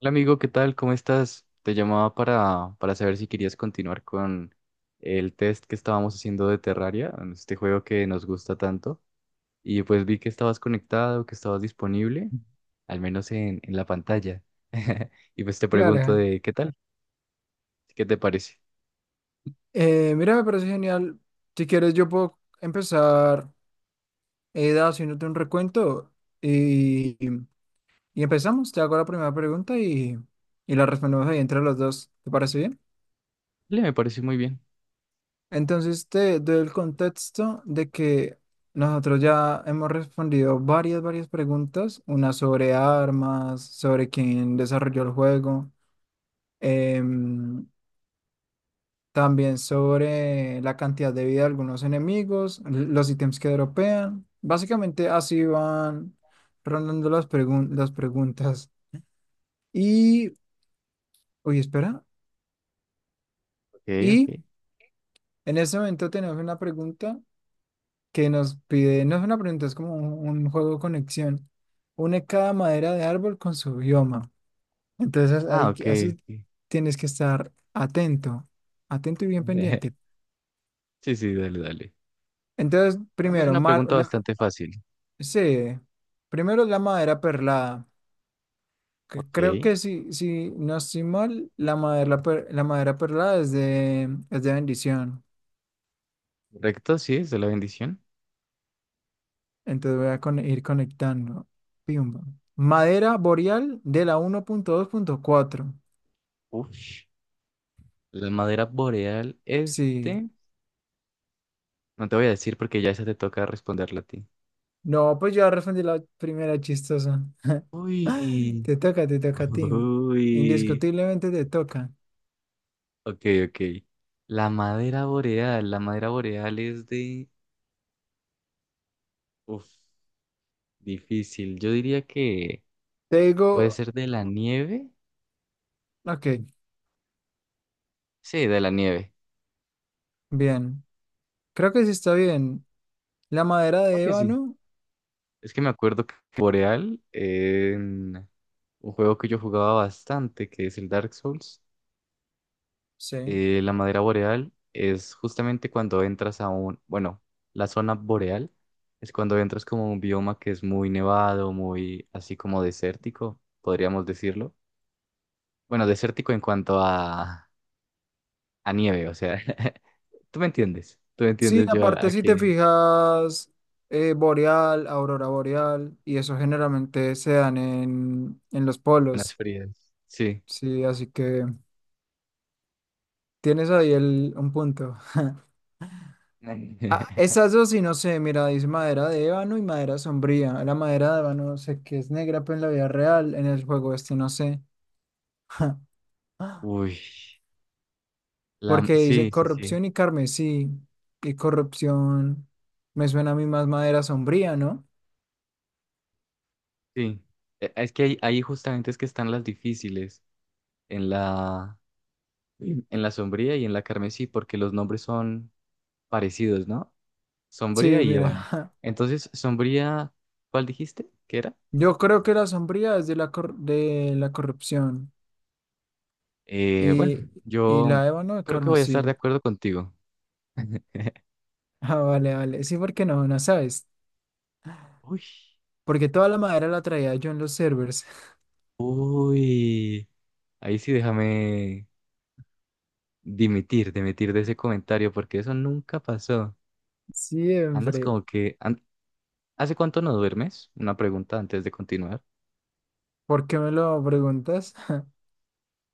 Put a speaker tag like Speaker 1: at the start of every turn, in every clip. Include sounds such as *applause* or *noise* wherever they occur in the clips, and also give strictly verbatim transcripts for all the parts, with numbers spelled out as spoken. Speaker 1: Hola amigo, ¿qué tal? ¿Cómo estás? Te llamaba para, para saber si querías continuar con el test que estábamos haciendo de Terraria, este juego que nos gusta tanto. Y pues vi que estabas conectado, que estabas disponible, al menos en, en la pantalla. *laughs* Y pues te pregunto
Speaker 2: Claro.
Speaker 1: de qué tal, qué te parece.
Speaker 2: Eh, mira, me parece genial. Si quieres, yo puedo empezar eh, haciéndote un recuento y, y empezamos. Te hago la primera pregunta y, y la respondemos ahí entre los dos. ¿Te parece bien?
Speaker 1: Dale, me parece muy bien.
Speaker 2: Entonces, te doy el contexto de que nosotros ya hemos respondido varias, varias preguntas, una sobre armas, sobre quién desarrolló el juego. em, También sobre la cantidad de vida de algunos enemigos, l- los ítems que dropean. Básicamente así van rondando las, pregun- las preguntas. Y, oye, espera.
Speaker 1: Ok,
Speaker 2: Y
Speaker 1: ok.
Speaker 2: en este momento tenemos una pregunta que nos pide, no es una pregunta, es como un, un juego de conexión. Une cada madera de árbol con su bioma. Entonces,
Speaker 1: Ah,
Speaker 2: ahí,
Speaker 1: ok.
Speaker 2: que- así tienes que estar atento, atento y bien
Speaker 1: Ok. *laughs*
Speaker 2: pendiente.
Speaker 1: Sí, sí, dale, dale.
Speaker 2: Entonces,
Speaker 1: Para mí es
Speaker 2: primero,
Speaker 1: una
Speaker 2: mar.
Speaker 1: pregunta bastante fácil.
Speaker 2: Sí, primero la madera perlada, que creo
Speaker 1: Ok.
Speaker 2: que si, si no estoy mal, la madera, la, per- la madera perlada es de, es de bendición.
Speaker 1: Correcto, sí, es de la bendición.
Speaker 2: Entonces voy a con- ir conectando. Pimba. Madera boreal de la uno punto punto dos punto cuatro.
Speaker 1: Uf. La madera boreal,
Speaker 2: Sí.
Speaker 1: este. No te voy a decir porque ya esa te toca responderla a ti.
Speaker 2: No, pues yo respondí la primera chistosa. *laughs*
Speaker 1: Uy.
Speaker 2: Te toca, te toca a ti.
Speaker 1: Uy.
Speaker 2: Indiscutiblemente te toca.
Speaker 1: Ok, ok. La madera boreal. La madera boreal es de. Uf, difícil. Yo diría que
Speaker 2: Te
Speaker 1: puede
Speaker 2: digo,
Speaker 1: ser de la nieve.
Speaker 2: ok,
Speaker 1: Sí, de la nieve.
Speaker 2: bien. Creo que sí está bien. La madera
Speaker 1: Creo
Speaker 2: de
Speaker 1: que sí.
Speaker 2: ébano,
Speaker 1: Es que me acuerdo que boreal en un juego que yo jugaba bastante, que es el Dark Souls.
Speaker 2: sí.
Speaker 1: Eh, la madera boreal es justamente cuando entras a un, bueno, la zona boreal es cuando entras como a un bioma que es muy nevado, muy así como desértico, podríamos decirlo. Bueno, desértico en cuanto a, a nieve, o sea, *laughs* tú me entiendes, tú me
Speaker 2: Sí,
Speaker 1: entiendes yo a,
Speaker 2: aparte
Speaker 1: a
Speaker 2: si te
Speaker 1: que
Speaker 2: fijas, eh, boreal, aurora boreal, y eso generalmente se dan en, en los
Speaker 1: zonas
Speaker 2: polos.
Speaker 1: frías. Sí.
Speaker 2: Sí, así que tienes ahí el, un punto. Ah,
Speaker 1: *laughs*
Speaker 2: esas dos sí no sé, mira, dice madera de ébano y madera sombría. La madera de ébano sé que es negra, pero en la vida real, en el juego este no sé. *laughs*
Speaker 1: Uy, la,
Speaker 2: Porque dice
Speaker 1: sí, sí, sí,
Speaker 2: corrupción y carmesí, y corrupción me suena a mí más madera sombría, ¿no?
Speaker 1: sí. Eh, Es que ahí, ahí justamente es que están las difíciles en la, En la sombría y en la carmesí, porque los nombres son parecidos, ¿no? Sombría
Speaker 2: Sí,
Speaker 1: y ébano.
Speaker 2: mira. *laughs*
Speaker 1: Entonces, sombría, ¿cuál dijiste que era?
Speaker 2: Yo creo que la sombría es de la, cor- de la corrupción
Speaker 1: Eh, bueno,
Speaker 2: y, y
Speaker 1: yo
Speaker 2: la ébano de
Speaker 1: creo que voy a estar
Speaker 2: carmesí.
Speaker 1: de
Speaker 2: *laughs*
Speaker 1: acuerdo contigo. *laughs*
Speaker 2: Ah, vale, vale. Sí, porque no, no sabes.
Speaker 1: Uy,
Speaker 2: Porque toda la madera la traía yo en los servers. *laughs*
Speaker 1: uy, ahí sí déjame dimitir, dimitir de ese comentario, porque eso nunca pasó. Andas
Speaker 2: Siempre.
Speaker 1: como que... an- ¿Hace cuánto no duermes? Una pregunta antes de continuar.
Speaker 2: ¿Por qué me lo preguntas? *laughs*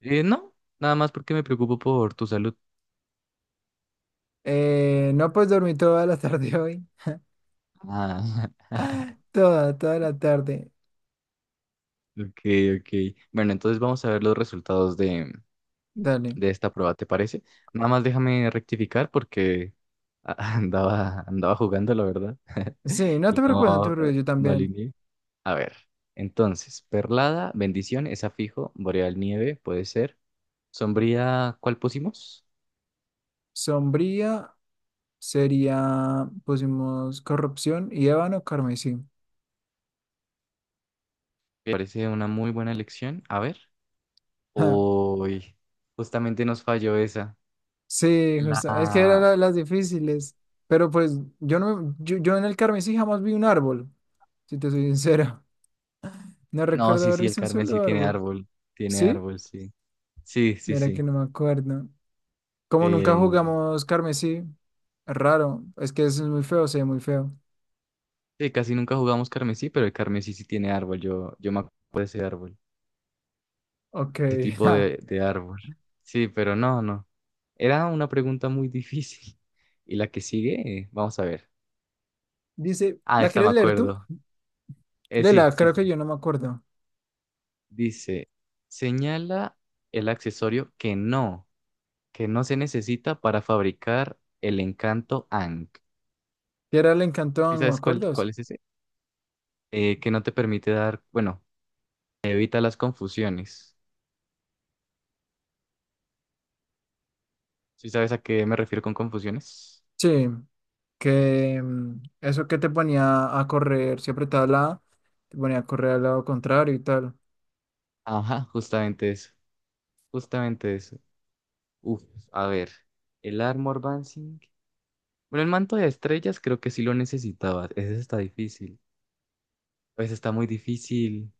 Speaker 1: Eh, no, nada más porque me preocupo por tu salud.
Speaker 2: Eh, no, pues dormí toda la *laughs* tarde hoy.
Speaker 1: Ah. *laughs*
Speaker 2: Toda, toda la tarde.
Speaker 1: Ok, ok. Bueno, entonces vamos a ver los resultados de,
Speaker 2: Dale.
Speaker 1: de esta prueba, ¿te parece? Nada más déjame rectificar porque a- *laughs* andaba, andaba jugando, la verdad,
Speaker 2: Sí,
Speaker 1: *laughs*
Speaker 2: no
Speaker 1: y
Speaker 2: te preocupes, no
Speaker 1: no,
Speaker 2: te
Speaker 1: eh,
Speaker 2: preocupes, yo
Speaker 1: no
Speaker 2: también.
Speaker 1: alineé. A ver, entonces, perlada, bendición, esa fijo, boreal nieve, puede ser. Sombría, ¿cuál pusimos?
Speaker 2: Sombría sería, pusimos corrupción y ébano carmesí.
Speaker 1: Me parece una muy buena elección. A ver.
Speaker 2: *laughs*
Speaker 1: Uy, justamente nos falló esa.
Speaker 2: Sí, justo. Es que eran
Speaker 1: La...
Speaker 2: la- las
Speaker 1: sí.
Speaker 2: difíciles. Pero pues yo no yo, yo en el Carmesí jamás vi un árbol, si te soy *laughs* sincero. No
Speaker 1: No,
Speaker 2: recuerdo
Speaker 1: sí,
Speaker 2: haber
Speaker 1: sí, el
Speaker 2: visto un
Speaker 1: carmesí
Speaker 2: solo
Speaker 1: tiene
Speaker 2: árbol.
Speaker 1: árbol, tiene
Speaker 2: ¿Sí?
Speaker 1: árbol, sí. Sí, sí,
Speaker 2: Mira que
Speaker 1: sí.
Speaker 2: no me acuerdo. Como nunca
Speaker 1: Eh,
Speaker 2: jugamos carmesí, raro. Es que eso es muy feo, se ve muy feo.
Speaker 1: sí, casi nunca jugamos carmesí, pero el carmesí sí tiene árbol. Yo, yo me acuerdo de ese árbol,
Speaker 2: Ok.
Speaker 1: ese
Speaker 2: *laughs*
Speaker 1: tipo
Speaker 2: Ja.
Speaker 1: de, de árbol. Sí, pero no, no. Era una pregunta muy difícil. *laughs* Y la que sigue, eh, vamos a ver.
Speaker 2: Dice,
Speaker 1: Ah,
Speaker 2: ¿la
Speaker 1: esta me
Speaker 2: quieres leer tú?
Speaker 1: acuerdo. Eh, sí,
Speaker 2: Lela,
Speaker 1: sí,
Speaker 2: creo
Speaker 1: sí.
Speaker 2: que yo no me acuerdo.
Speaker 1: Dice, señala el accesorio que no, que no se necesita para fabricar el encanto Ankh.
Speaker 2: ¿Qué era el
Speaker 1: ¿Sí
Speaker 2: encantón? ¿Me
Speaker 1: sabes cuál,
Speaker 2: acuerdas?
Speaker 1: cuál es ese? Eh, que no te permite dar, bueno, evita las confusiones. ¿Sí sabes a qué me refiero con confusiones?
Speaker 2: Sí. que mm, eso que te ponía a correr, si apretabas la A, te ponía a correr al lado contrario y tal.
Speaker 1: Ajá, justamente eso. Justamente eso. Uf, a ver. El Armor Dancing. Bueno, el manto de estrellas creo que sí lo necesitaba. Ese está difícil. Pues está muy difícil.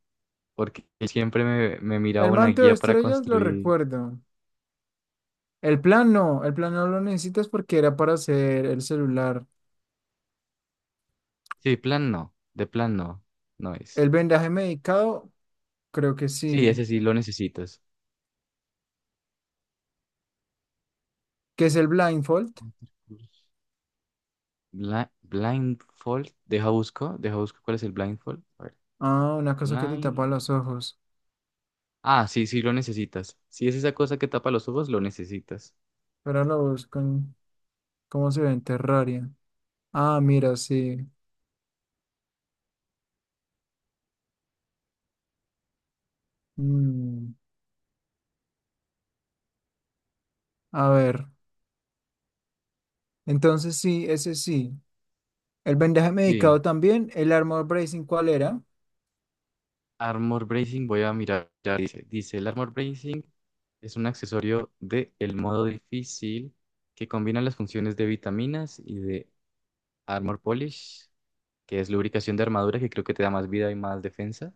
Speaker 1: Porque siempre me, me miraba
Speaker 2: El
Speaker 1: una
Speaker 2: manto de
Speaker 1: guía para
Speaker 2: estrellas lo
Speaker 1: construir.
Speaker 2: recuerdo. El plan no, el plan no lo necesitas porque era para hacer el celular.
Speaker 1: Sí, plan no. De plan no. No es.
Speaker 2: El vendaje medicado, creo que
Speaker 1: Sí,
Speaker 2: sí.
Speaker 1: ese sí lo necesitas.
Speaker 2: ¿Qué es el blindfold?
Speaker 1: Bla- blindfold. Deja busco. Deja busco cuál es el blindfold. A ver.
Speaker 2: Ah, una cosa que te tapa los ojos.
Speaker 1: Ah, sí, sí, lo necesitas. Si es esa cosa que tapa los ojos, lo necesitas.
Speaker 2: Pero lo busco en cómo se ve en Terraria. Ah, mira, sí. Mm, a ver. Entonces sí, ese sí. El vendaje
Speaker 1: Sí.
Speaker 2: medicado también. El armor bracing, ¿cuál era?
Speaker 1: Armor Bracing, voy a mirar. Ya dice, dice, el Armor Bracing es un accesorio de el modo difícil que combina las funciones de vitaminas y de Armor Polish, que es lubricación de armadura, que creo que te da más vida y más defensa.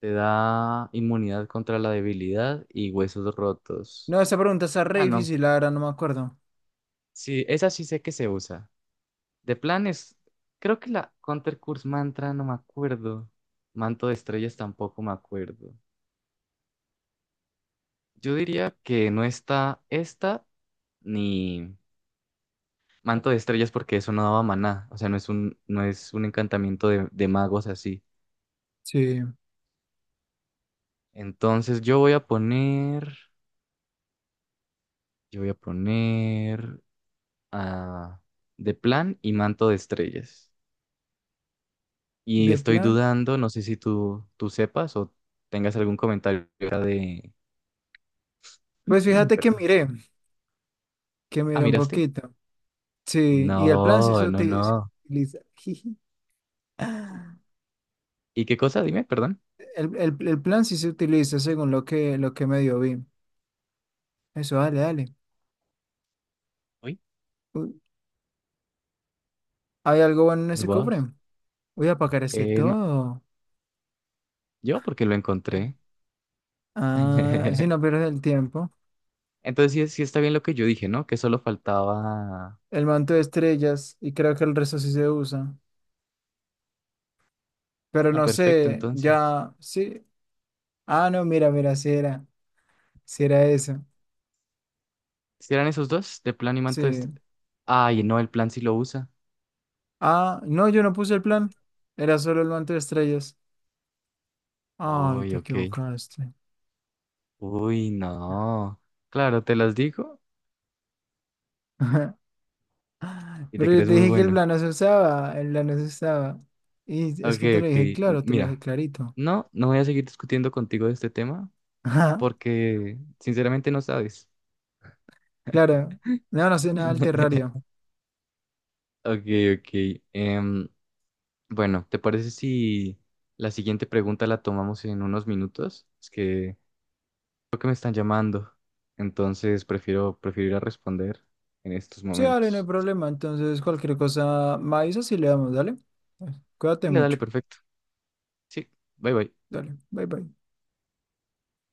Speaker 1: Te da inmunidad contra la debilidad y huesos rotos.
Speaker 2: No, esa pregunta está re
Speaker 1: Ah, no.
Speaker 2: difícil, la verdad, no me acuerdo.
Speaker 1: Sí, esa sí sé que se usa. De planes, creo que la Counter Curse Mantra no me acuerdo. Manto de Estrellas tampoco me acuerdo. Yo diría que no está esta ni Manto de Estrellas porque eso no daba maná. O sea, no es un, no es un encantamiento de, de magos así.
Speaker 2: Sí,
Speaker 1: Entonces yo voy a poner, yo voy a poner a de plan y Manto de Estrellas. Y
Speaker 2: de
Speaker 1: estoy
Speaker 2: plan.
Speaker 1: dudando, no sé si tú, tú sepas o tengas algún comentario de...
Speaker 2: Pues
Speaker 1: *clears throat*
Speaker 2: fíjate que
Speaker 1: Perdón.
Speaker 2: miré, que
Speaker 1: Ah,
Speaker 2: miré un
Speaker 1: ¿miraste?
Speaker 2: poquito. Sí, y el plan sí
Speaker 1: No,
Speaker 2: se
Speaker 1: no,
Speaker 2: uti- se
Speaker 1: no.
Speaker 2: utiliza. *laughs* Jiji. El,
Speaker 1: ¿Y qué cosa? Dime, perdón.
Speaker 2: el, el plan sí se utiliza según lo que, lo que medio vi. Eso, dale, dale.
Speaker 1: Uy,
Speaker 2: Uy, ¿hay algo bueno en
Speaker 1: muy
Speaker 2: ese cofre?
Speaker 1: guaos.
Speaker 2: Voy a apagar ese
Speaker 1: Eh, no,
Speaker 2: todo.
Speaker 1: yo porque lo encontré.
Speaker 2: Ah, si
Speaker 1: *laughs*
Speaker 2: no pierdes el tiempo.
Speaker 1: Entonces sí, sí está bien lo que yo dije, ¿no? Que solo faltaba...
Speaker 2: El manto de estrellas, y creo que el resto sí se usa. Pero
Speaker 1: Ah,
Speaker 2: no
Speaker 1: perfecto,
Speaker 2: sé,
Speaker 1: entonces.
Speaker 2: ya, sí. Ah, no, mira, mira, si era, si era eso.
Speaker 1: ¿Si eran esos dos? ¿De plan y manto de... este?
Speaker 2: Sí.
Speaker 1: Ay, no, el plan sí lo usa.
Speaker 2: Ah, no, yo no puse el plan. Era solo el manto de estrellas. Ay,
Speaker 1: Uy,
Speaker 2: te
Speaker 1: ok.
Speaker 2: equivocaste.
Speaker 1: Uy, no. Claro, te las digo
Speaker 2: *laughs*
Speaker 1: y te
Speaker 2: Pero yo
Speaker 1: crees
Speaker 2: te
Speaker 1: muy
Speaker 2: dije que el
Speaker 1: bueno.
Speaker 2: plan no se usaba, el plan no se usaba. Y es
Speaker 1: Ok,
Speaker 2: que te lo
Speaker 1: ok.
Speaker 2: dije
Speaker 1: M-
Speaker 2: claro, te lo dije
Speaker 1: Mira,
Speaker 2: clarito.
Speaker 1: no, no voy a seguir discutiendo contigo de este tema
Speaker 2: *laughs* Ajá.
Speaker 1: porque sinceramente no sabes.
Speaker 2: Claro. No, no sé nada del
Speaker 1: *laughs*
Speaker 2: terrario.
Speaker 1: Ok, ok. Em, bueno, ¿te parece si la siguiente pregunta la tomamos en unos minutos? Es que creo que me están llamando, entonces prefiero, prefiero ir a responder en estos
Speaker 2: Sí, dale, no hay
Speaker 1: momentos.
Speaker 2: problema. Entonces, cualquier cosa, me avisas y le damos, dale. Pues, cuídate
Speaker 1: Dale, dale,
Speaker 2: mucho.
Speaker 1: perfecto. Sí, bye bye.
Speaker 2: Dale, bye bye.